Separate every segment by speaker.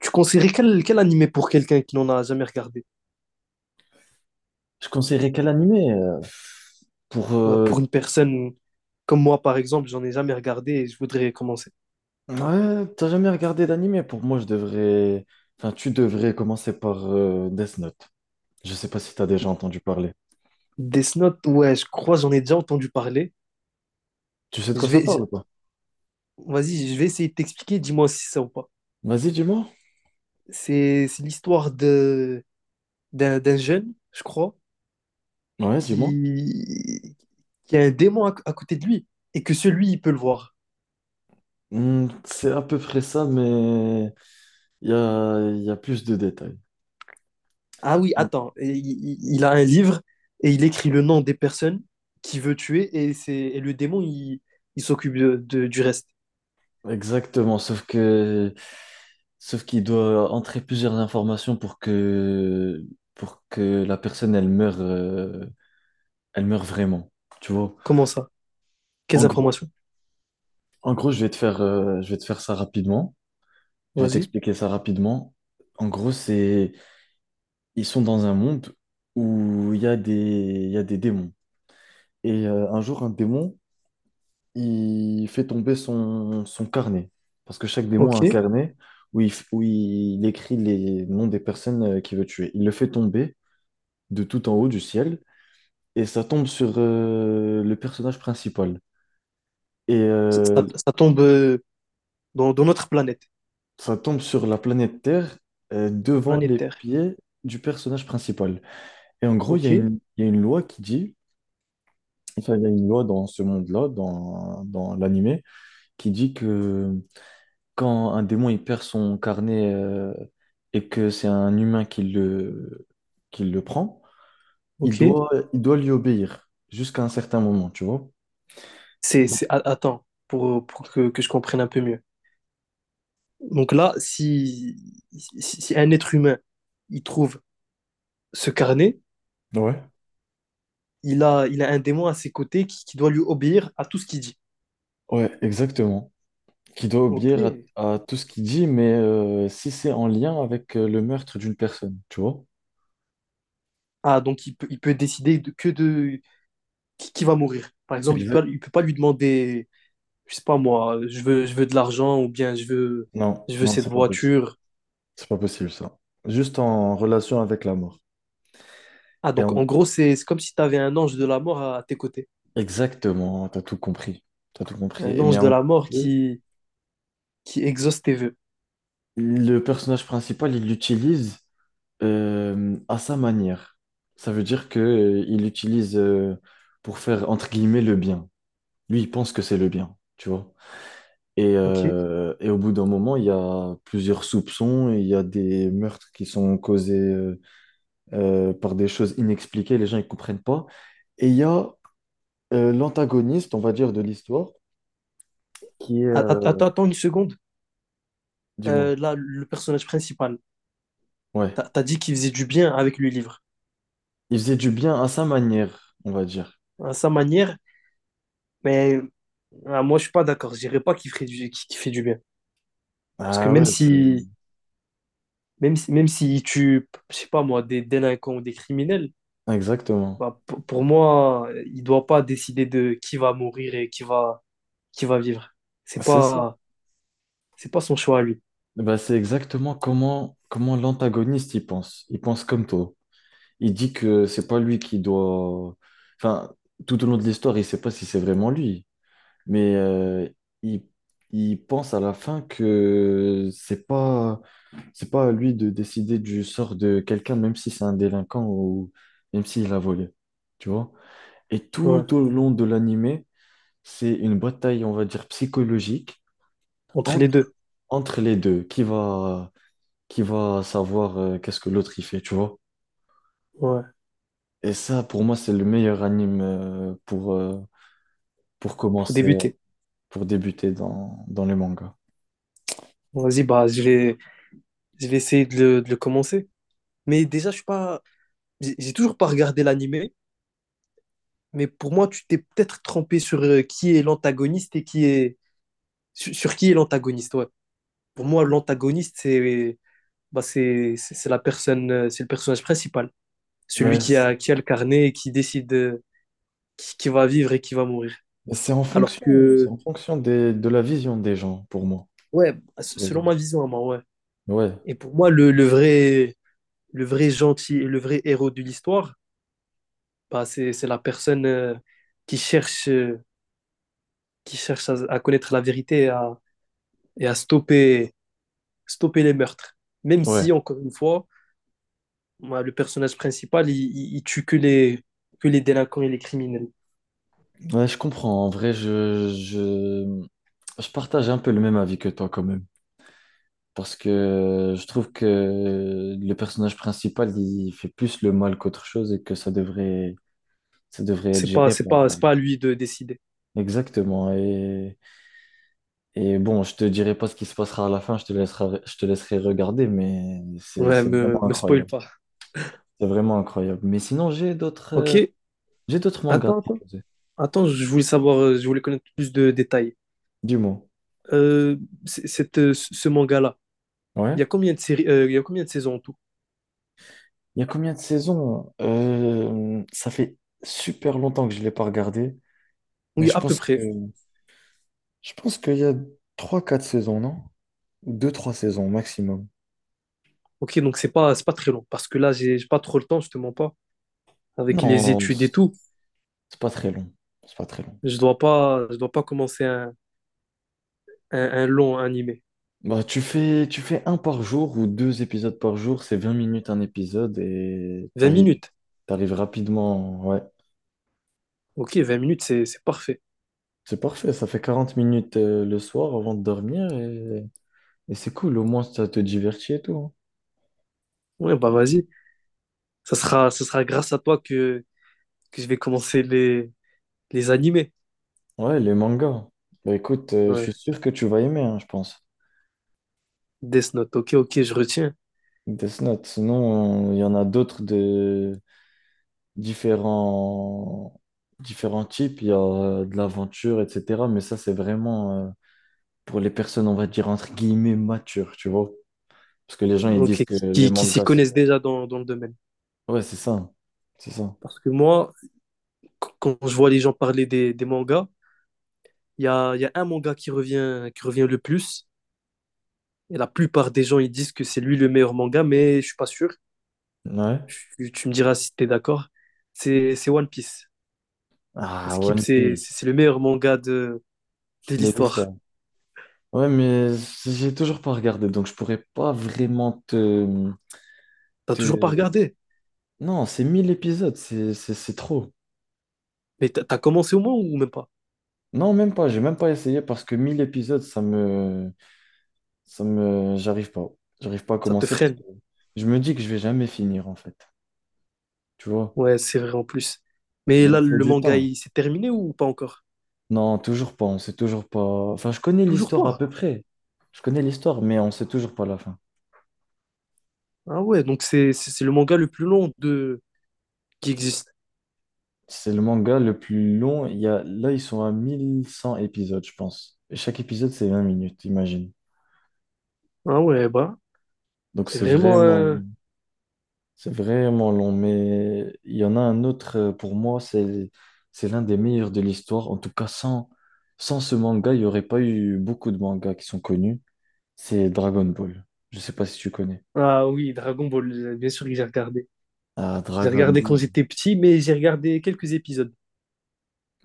Speaker 1: Tu conseillerais quel animé pour quelqu'un qui n'en a jamais regardé?
Speaker 2: Je conseillerais quel animé? Pour
Speaker 1: Ouais, pour une personne comme moi, par exemple, j'en ai jamais regardé et je voudrais commencer.
Speaker 2: ouais, t'as jamais regardé d'animé? Pour moi, je devrais. Enfin, tu devrais commencer par Death Note. Je sais pas si t'as déjà entendu parler.
Speaker 1: Death Note, ouais, je crois, j'en ai déjà entendu parler.
Speaker 2: Tu sais de quoi
Speaker 1: Je
Speaker 2: ça
Speaker 1: vais, je-
Speaker 2: parle ou pas?
Speaker 1: Vas-y, je vais essayer de t'expliquer, dis-moi si c'est ça ou pas.
Speaker 2: Vas-y, dis-moi.
Speaker 1: C'est l'histoire de d'un d'un jeune, je crois,
Speaker 2: Ouais, dis-moi.
Speaker 1: qui, qui a un démon à côté de lui et que celui, il peut le voir.
Speaker 2: Hmm, c'est à peu près ça, mais il y a plus de détails.
Speaker 1: Ah oui, attends, et il a un livre et il écrit le nom des personnes qu'il veut tuer et le démon, il s'occupe du reste.
Speaker 2: Exactement, sauf qu'il doit entrer plusieurs informations pour que la personne elle meure vraiment. Tu vois?
Speaker 1: Comment ça? Quelles
Speaker 2: En gros.
Speaker 1: informations?
Speaker 2: En gros, je vais te faire ça rapidement. Je vais
Speaker 1: Vas-y,
Speaker 2: t'expliquer ça rapidement. En gros, ils sont dans un monde où il y a des démons. Et un jour, un démon, il fait tomber son carnet. Parce que chaque démon a un
Speaker 1: ok.
Speaker 2: carnet où il écrit les noms des personnes qu'il veut tuer. Il le fait tomber de tout en haut du ciel et ça tombe sur le personnage principal. Et euh,
Speaker 1: Ça tombe dans notre planète,
Speaker 2: Ça tombe sur la planète Terre
Speaker 1: la
Speaker 2: devant
Speaker 1: planète
Speaker 2: les
Speaker 1: Terre.
Speaker 2: pieds du personnage principal. Et en gros, il y
Speaker 1: Ok,
Speaker 2: a une, il y a une loi qui dit, enfin, il y a une loi dans ce monde-là, dans l'animé, qui dit que quand un démon il perd son carnet et que c'est un humain qui le prend, il
Speaker 1: ok.
Speaker 2: doit, il doit lui obéir jusqu'à un certain moment, tu vois? Donc,
Speaker 1: Attends, pour que je comprenne un peu mieux. Donc là, si un être humain, il trouve ce carnet,
Speaker 2: ouais.
Speaker 1: il a un démon à ses côtés qui doit lui obéir à tout ce qu'il dit.
Speaker 2: Ouais, exactement. Qui doit
Speaker 1: Ok.
Speaker 2: obéir à tout ce qu'il dit, mais si c'est en lien avec le meurtre d'une personne, tu vois?
Speaker 1: Ah, donc il peut décider que de qui va mourir. Par exemple, il
Speaker 2: Exact.
Speaker 1: peut, il peut pas lui demander, je sais pas moi, je veux de l'argent ou bien je veux,
Speaker 2: Non,
Speaker 1: je veux
Speaker 2: non,
Speaker 1: cette
Speaker 2: c'est pas possible.
Speaker 1: voiture.
Speaker 2: C'est pas possible ça. Juste en relation avec la mort.
Speaker 1: Ah,
Speaker 2: Et
Speaker 1: donc
Speaker 2: en-
Speaker 1: en gros, c'est comme si tu avais un ange de la mort à tes côtés.
Speaker 2: Exactement, t'as tout compris. T'as tout compris.
Speaker 1: Un
Speaker 2: Mais
Speaker 1: ange de
Speaker 2: en
Speaker 1: la mort
Speaker 2: gros,
Speaker 1: qui exauce tes vœux.
Speaker 2: le personnage principal, il l'utilise à sa manière. Ça veut dire que il l'utilise pour faire entre guillemets le bien. Lui, il pense que c'est le bien, tu vois? Et,
Speaker 1: Ok?
Speaker 2: euh, et au bout d'un moment, il y a plusieurs soupçons et il y a des meurtres qui sont causés par des choses inexpliquées, les gens ne comprennent pas. Et il y a l'antagoniste, on va dire, de l'histoire, qui est...
Speaker 1: Attends, attends une seconde.
Speaker 2: dis-moi.
Speaker 1: Là, le personnage principal,
Speaker 2: Ouais.
Speaker 1: t'as dit qu'il faisait du bien avec le livre.
Speaker 2: Il faisait du bien à sa manière, on va dire.
Speaker 1: À sa manière, mais ah, moi, je suis pas d'accord. Je dirais pas qu'il ferait qu'il fait du bien. Parce que
Speaker 2: Ah
Speaker 1: même
Speaker 2: ouais, c'est...
Speaker 1: si même si, même s'il tue, je sais pas moi, des délinquants ou des criminels,
Speaker 2: Exactement.
Speaker 1: bah, pour moi, il doit pas décider de qui va mourir et qui va vivre. C'est
Speaker 2: C'est ça.
Speaker 1: pas, c'est pas son choix à lui.
Speaker 2: Bah, c'est exactement comment l'antagoniste y pense. Il pense comme toi. Il dit que c'est pas lui qui doit... Enfin, tout au long de l'histoire, il sait pas si c'est vraiment lui. Mais il, il pense à la fin que c'est pas à lui de décider du sort de quelqu'un, même si c'est un délinquant ou même s'il a volé, tu vois. Et
Speaker 1: Ouais.
Speaker 2: tout au long de l'animé, c'est une bataille, on va dire, psychologique
Speaker 1: Entre les
Speaker 2: entre,
Speaker 1: deux.
Speaker 2: entre les deux, qui va savoir qu'est-ce que l'autre il fait, tu vois.
Speaker 1: Ouais.
Speaker 2: Et ça, pour moi, c'est le meilleur anime pour
Speaker 1: Pour
Speaker 2: commencer,
Speaker 1: débuter.
Speaker 2: pour débuter dans les mangas.
Speaker 1: Vas-y, bah, je vais essayer de le commencer. Mais déjà, je suis pas, j'ai toujours pas regardé l'animé. Mais pour moi, tu t'es peut-être trompé sur qui est l'antagoniste et sur qui est l'antagoniste. Ouais. Pour moi, l'antagoniste, c'est bah, c'est la personne, c'est le personnage principal, celui
Speaker 2: Mais
Speaker 1: qui
Speaker 2: c-
Speaker 1: a, qui a le carnet et qui décide qui va vivre et qui va mourir.
Speaker 2: C'est en
Speaker 1: Alors
Speaker 2: fonction, c'est
Speaker 1: que,
Speaker 2: en fonction de la vision des gens, pour moi,
Speaker 1: ouais,
Speaker 2: qui
Speaker 1: selon
Speaker 2: regardent.
Speaker 1: ma vision, à moi, ouais.
Speaker 2: Ouais,
Speaker 1: Et pour moi, le vrai gentil, le vrai héros de l'histoire, bah, c'est la personne qui cherche, euh, qui cherche à connaître la vérité et à stopper, stopper les meurtres. Même
Speaker 2: ouais.
Speaker 1: si, encore une fois, ouais, le personnage principal, il tue que les délinquants et les criminels.
Speaker 2: Ouais, je comprends. En vrai, je partage un peu le même avis que toi quand même. Parce que je trouve que le personnage principal, il fait plus le mal qu'autre chose et que ça devrait être
Speaker 1: C'est pas,
Speaker 2: géré
Speaker 1: c'est
Speaker 2: par...
Speaker 1: pas, c'est pas à lui de décider.
Speaker 2: Exactement. Et bon, je te dirai pas ce qui se passera à la fin, je te laisserai regarder, mais c'est,
Speaker 1: Ouais,
Speaker 2: c'est
Speaker 1: me,
Speaker 2: vraiment
Speaker 1: me spoil
Speaker 2: incroyable.
Speaker 1: pas.
Speaker 2: C'est vraiment incroyable. Mais sinon,
Speaker 1: Ok,
Speaker 2: J'ai d'autres mangas à
Speaker 1: attends,
Speaker 2: te
Speaker 1: attends.
Speaker 2: proposer.
Speaker 1: Attends, je voulais savoir, je voulais connaître plus de détails.
Speaker 2: Dis-moi.
Speaker 1: Euh, c- cette, ce ce manga-là,
Speaker 2: Ouais.
Speaker 1: il y a combien de séries, il y a combien de saisons en tout?
Speaker 2: Il y a combien de saisons? Ça fait super longtemps que je ne l'ai pas regardé, mais
Speaker 1: Oui,
Speaker 2: je
Speaker 1: à peu
Speaker 2: pense que
Speaker 1: près.
Speaker 2: je pense qu'il y a trois quatre saisons, non? Deux trois saisons maximum.
Speaker 1: Ok, donc c'est pas très long, parce que là, j'ai pas trop le temps, je te mens pas, avec les
Speaker 2: Non,
Speaker 1: études et tout.
Speaker 2: c'est pas très long. C'est pas très long.
Speaker 1: Je dois pas commencer un, un long animé.
Speaker 2: Bah, tu fais un par jour ou deux épisodes par jour, c'est 20 minutes un épisode et
Speaker 1: vingt
Speaker 2: t'arrives,
Speaker 1: minutes.
Speaker 2: t'arrives rapidement. Ouais,
Speaker 1: Ok, 20 minutes, c'est parfait.
Speaker 2: c'est parfait, ça fait 40 minutes le soir avant de dormir et c'est cool, au moins ça te divertit et tout, hein.
Speaker 1: Ouais, bah vas-y. Ça sera grâce à toi que je vais commencer les animés.
Speaker 2: Ouais, les mangas. Bah, écoute, je
Speaker 1: Ouais.
Speaker 2: suis sûr que tu vas aimer, hein, je pense.
Speaker 1: Death Note. Ok, ok, je retiens.
Speaker 2: Death Note. Sinon, il y en a d'autres de différents... différents types. Il y a de l'aventure, etc. Mais ça, c'est vraiment pour les personnes, on va dire, entre guillemets, matures, tu vois. Parce que les gens, ils
Speaker 1: Ok,
Speaker 2: disent que les
Speaker 1: qui s'y
Speaker 2: mangas, c'est
Speaker 1: connaissent
Speaker 2: pour...
Speaker 1: déjà dans le domaine.
Speaker 2: Ouais, c'est ça. C'est ça.
Speaker 1: Parce que moi, quand je vois les gens parler des mangas, il y a un manga qui revient le plus. Et la plupart des gens, ils disent que c'est lui le meilleur manga, mais je suis pas sûr.
Speaker 2: Ouais.
Speaker 1: Tu me diras si tu es d'accord. C'est One Piece.
Speaker 2: Ah,
Speaker 1: Skip,
Speaker 2: One
Speaker 1: c'est c'est-
Speaker 2: Piece.
Speaker 1: c'est le meilleur manga de
Speaker 2: De
Speaker 1: l'histoire.
Speaker 2: l'histoire. Ouais, mais j'ai toujours pas regardé, donc je pourrais pas vraiment
Speaker 1: T'as
Speaker 2: te,
Speaker 1: toujours pas regardé,
Speaker 2: non, c'est 1000 épisodes, c'est trop.
Speaker 1: mais t'as commencé au moins ou même pas?
Speaker 2: Non, même pas, j'ai même pas essayé parce que 1000 épisodes, ça me... J'arrive pas. J'arrive pas à
Speaker 1: Ça te
Speaker 2: commencer parce que
Speaker 1: freine.
Speaker 2: je me dis que je vais jamais finir en fait. Tu vois?
Speaker 1: Ouais, c'est vrai en plus. Mais
Speaker 2: Mais
Speaker 1: là,
Speaker 2: il faut
Speaker 1: le
Speaker 2: du
Speaker 1: manga,
Speaker 2: temps.
Speaker 1: il s'est terminé ou pas encore?
Speaker 2: Non, toujours pas, on sait toujours pas. Enfin, je connais
Speaker 1: Toujours
Speaker 2: l'histoire à
Speaker 1: pas.
Speaker 2: peu près. Je connais l'histoire, mais on sait toujours pas la fin.
Speaker 1: Ah ouais, donc c'est le manga le plus long de qui existe.
Speaker 2: C'est le manga le plus long. Il y a... Là, ils sont à 1100 épisodes, je pense. Et chaque épisode, c'est 20 minutes, imagine.
Speaker 1: Ah ouais, bah,
Speaker 2: Donc
Speaker 1: c'est
Speaker 2: c'est
Speaker 1: vraiment un...
Speaker 2: vraiment... C'est vraiment long, mais il y en a un autre pour moi, c'est l'un des meilleurs de l'histoire. En tout cas, sans ce manga, il n'y aurait pas eu beaucoup de mangas qui sont connus. C'est Dragon Ball. Je ne sais pas si tu connais.
Speaker 1: Ah oui, Dragon Ball, bien sûr que j'ai regardé.
Speaker 2: Ah,
Speaker 1: J'ai
Speaker 2: Dragon
Speaker 1: regardé quand
Speaker 2: Ball.
Speaker 1: j'étais petit, mais j'ai regardé quelques épisodes.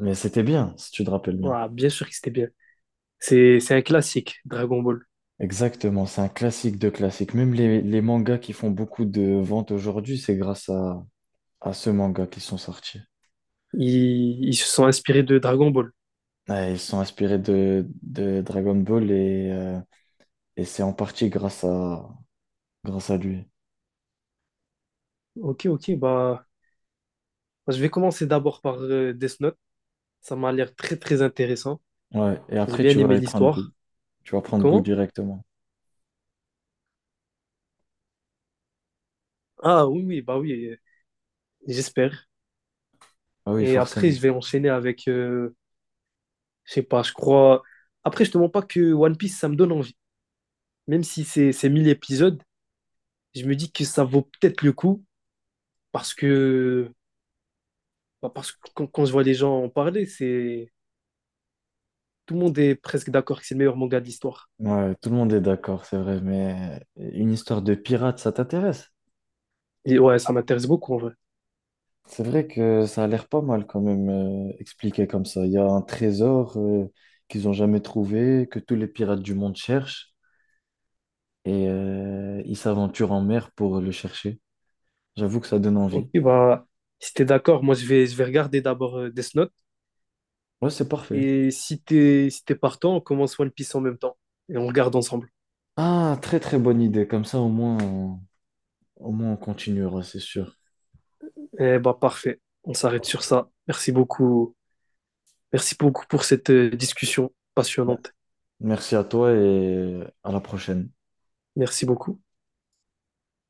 Speaker 2: Mais c'était bien, si tu te rappelles bien.
Speaker 1: Ah, bien sûr que c'était bien. C'est un classique, Dragon Ball.
Speaker 2: Exactement, c'est un classique de classique. Même les mangas qui font beaucoup de ventes aujourd'hui, c'est grâce à ce manga qu'ils sont sortis.
Speaker 1: Ils se sont inspirés de Dragon Ball.
Speaker 2: Ouais, ils sont inspirés de Dragon Ball et c'est en partie grâce à lui.
Speaker 1: Ok, ok, bah, je vais commencer d'abord par Death Note. Ça m'a l'air très, très intéressant.
Speaker 2: Ouais, et
Speaker 1: J'ai
Speaker 2: après,
Speaker 1: bien
Speaker 2: tu
Speaker 1: aimé
Speaker 2: vas y prendre goût.
Speaker 1: l'histoire.
Speaker 2: Tu vas prendre goût
Speaker 1: Comment?
Speaker 2: directement.
Speaker 1: Ah oui, oui, bah oui, j'espère.
Speaker 2: Ah oui,
Speaker 1: Et après,
Speaker 2: forcément.
Speaker 1: je vais enchaîner je sais pas, je crois. Après, je te mens pas que One Piece, ça me donne envie. Même si c'est 1 000 épisodes, je me dis que ça vaut peut-être le coup parce que, bah, parce que quand je vois les gens en parler, c'est tout le monde est presque d'accord que c'est le meilleur manga de l'histoire.
Speaker 2: Ouais, tout le monde est d'accord, c'est vrai, mais une histoire de pirate, ça t'intéresse?
Speaker 1: Et ouais, ça m'intéresse beaucoup en vrai.
Speaker 2: C'est vrai que ça a l'air pas mal quand même expliqué comme ça. Il y a un trésor qu'ils n'ont jamais trouvé, que tous les pirates du monde cherchent, et ils s'aventurent en mer pour le chercher. J'avoue que ça donne
Speaker 1: Ok,
Speaker 2: envie.
Speaker 1: bah, si t'es d'accord, moi je vais regarder d'abord Death Note.
Speaker 2: Ouais, c'est parfait.
Speaker 1: Et si t'es partant, on commence One Piece en même temps. Et on regarde ensemble.
Speaker 2: Ah, très très bonne idée. Comme ça, au moins, on continuera, c'est sûr.
Speaker 1: Eh bah, parfait. On s'arrête sur ça. Merci beaucoup. Merci beaucoup pour cette discussion passionnante.
Speaker 2: Merci à toi et à la prochaine.
Speaker 1: Merci beaucoup.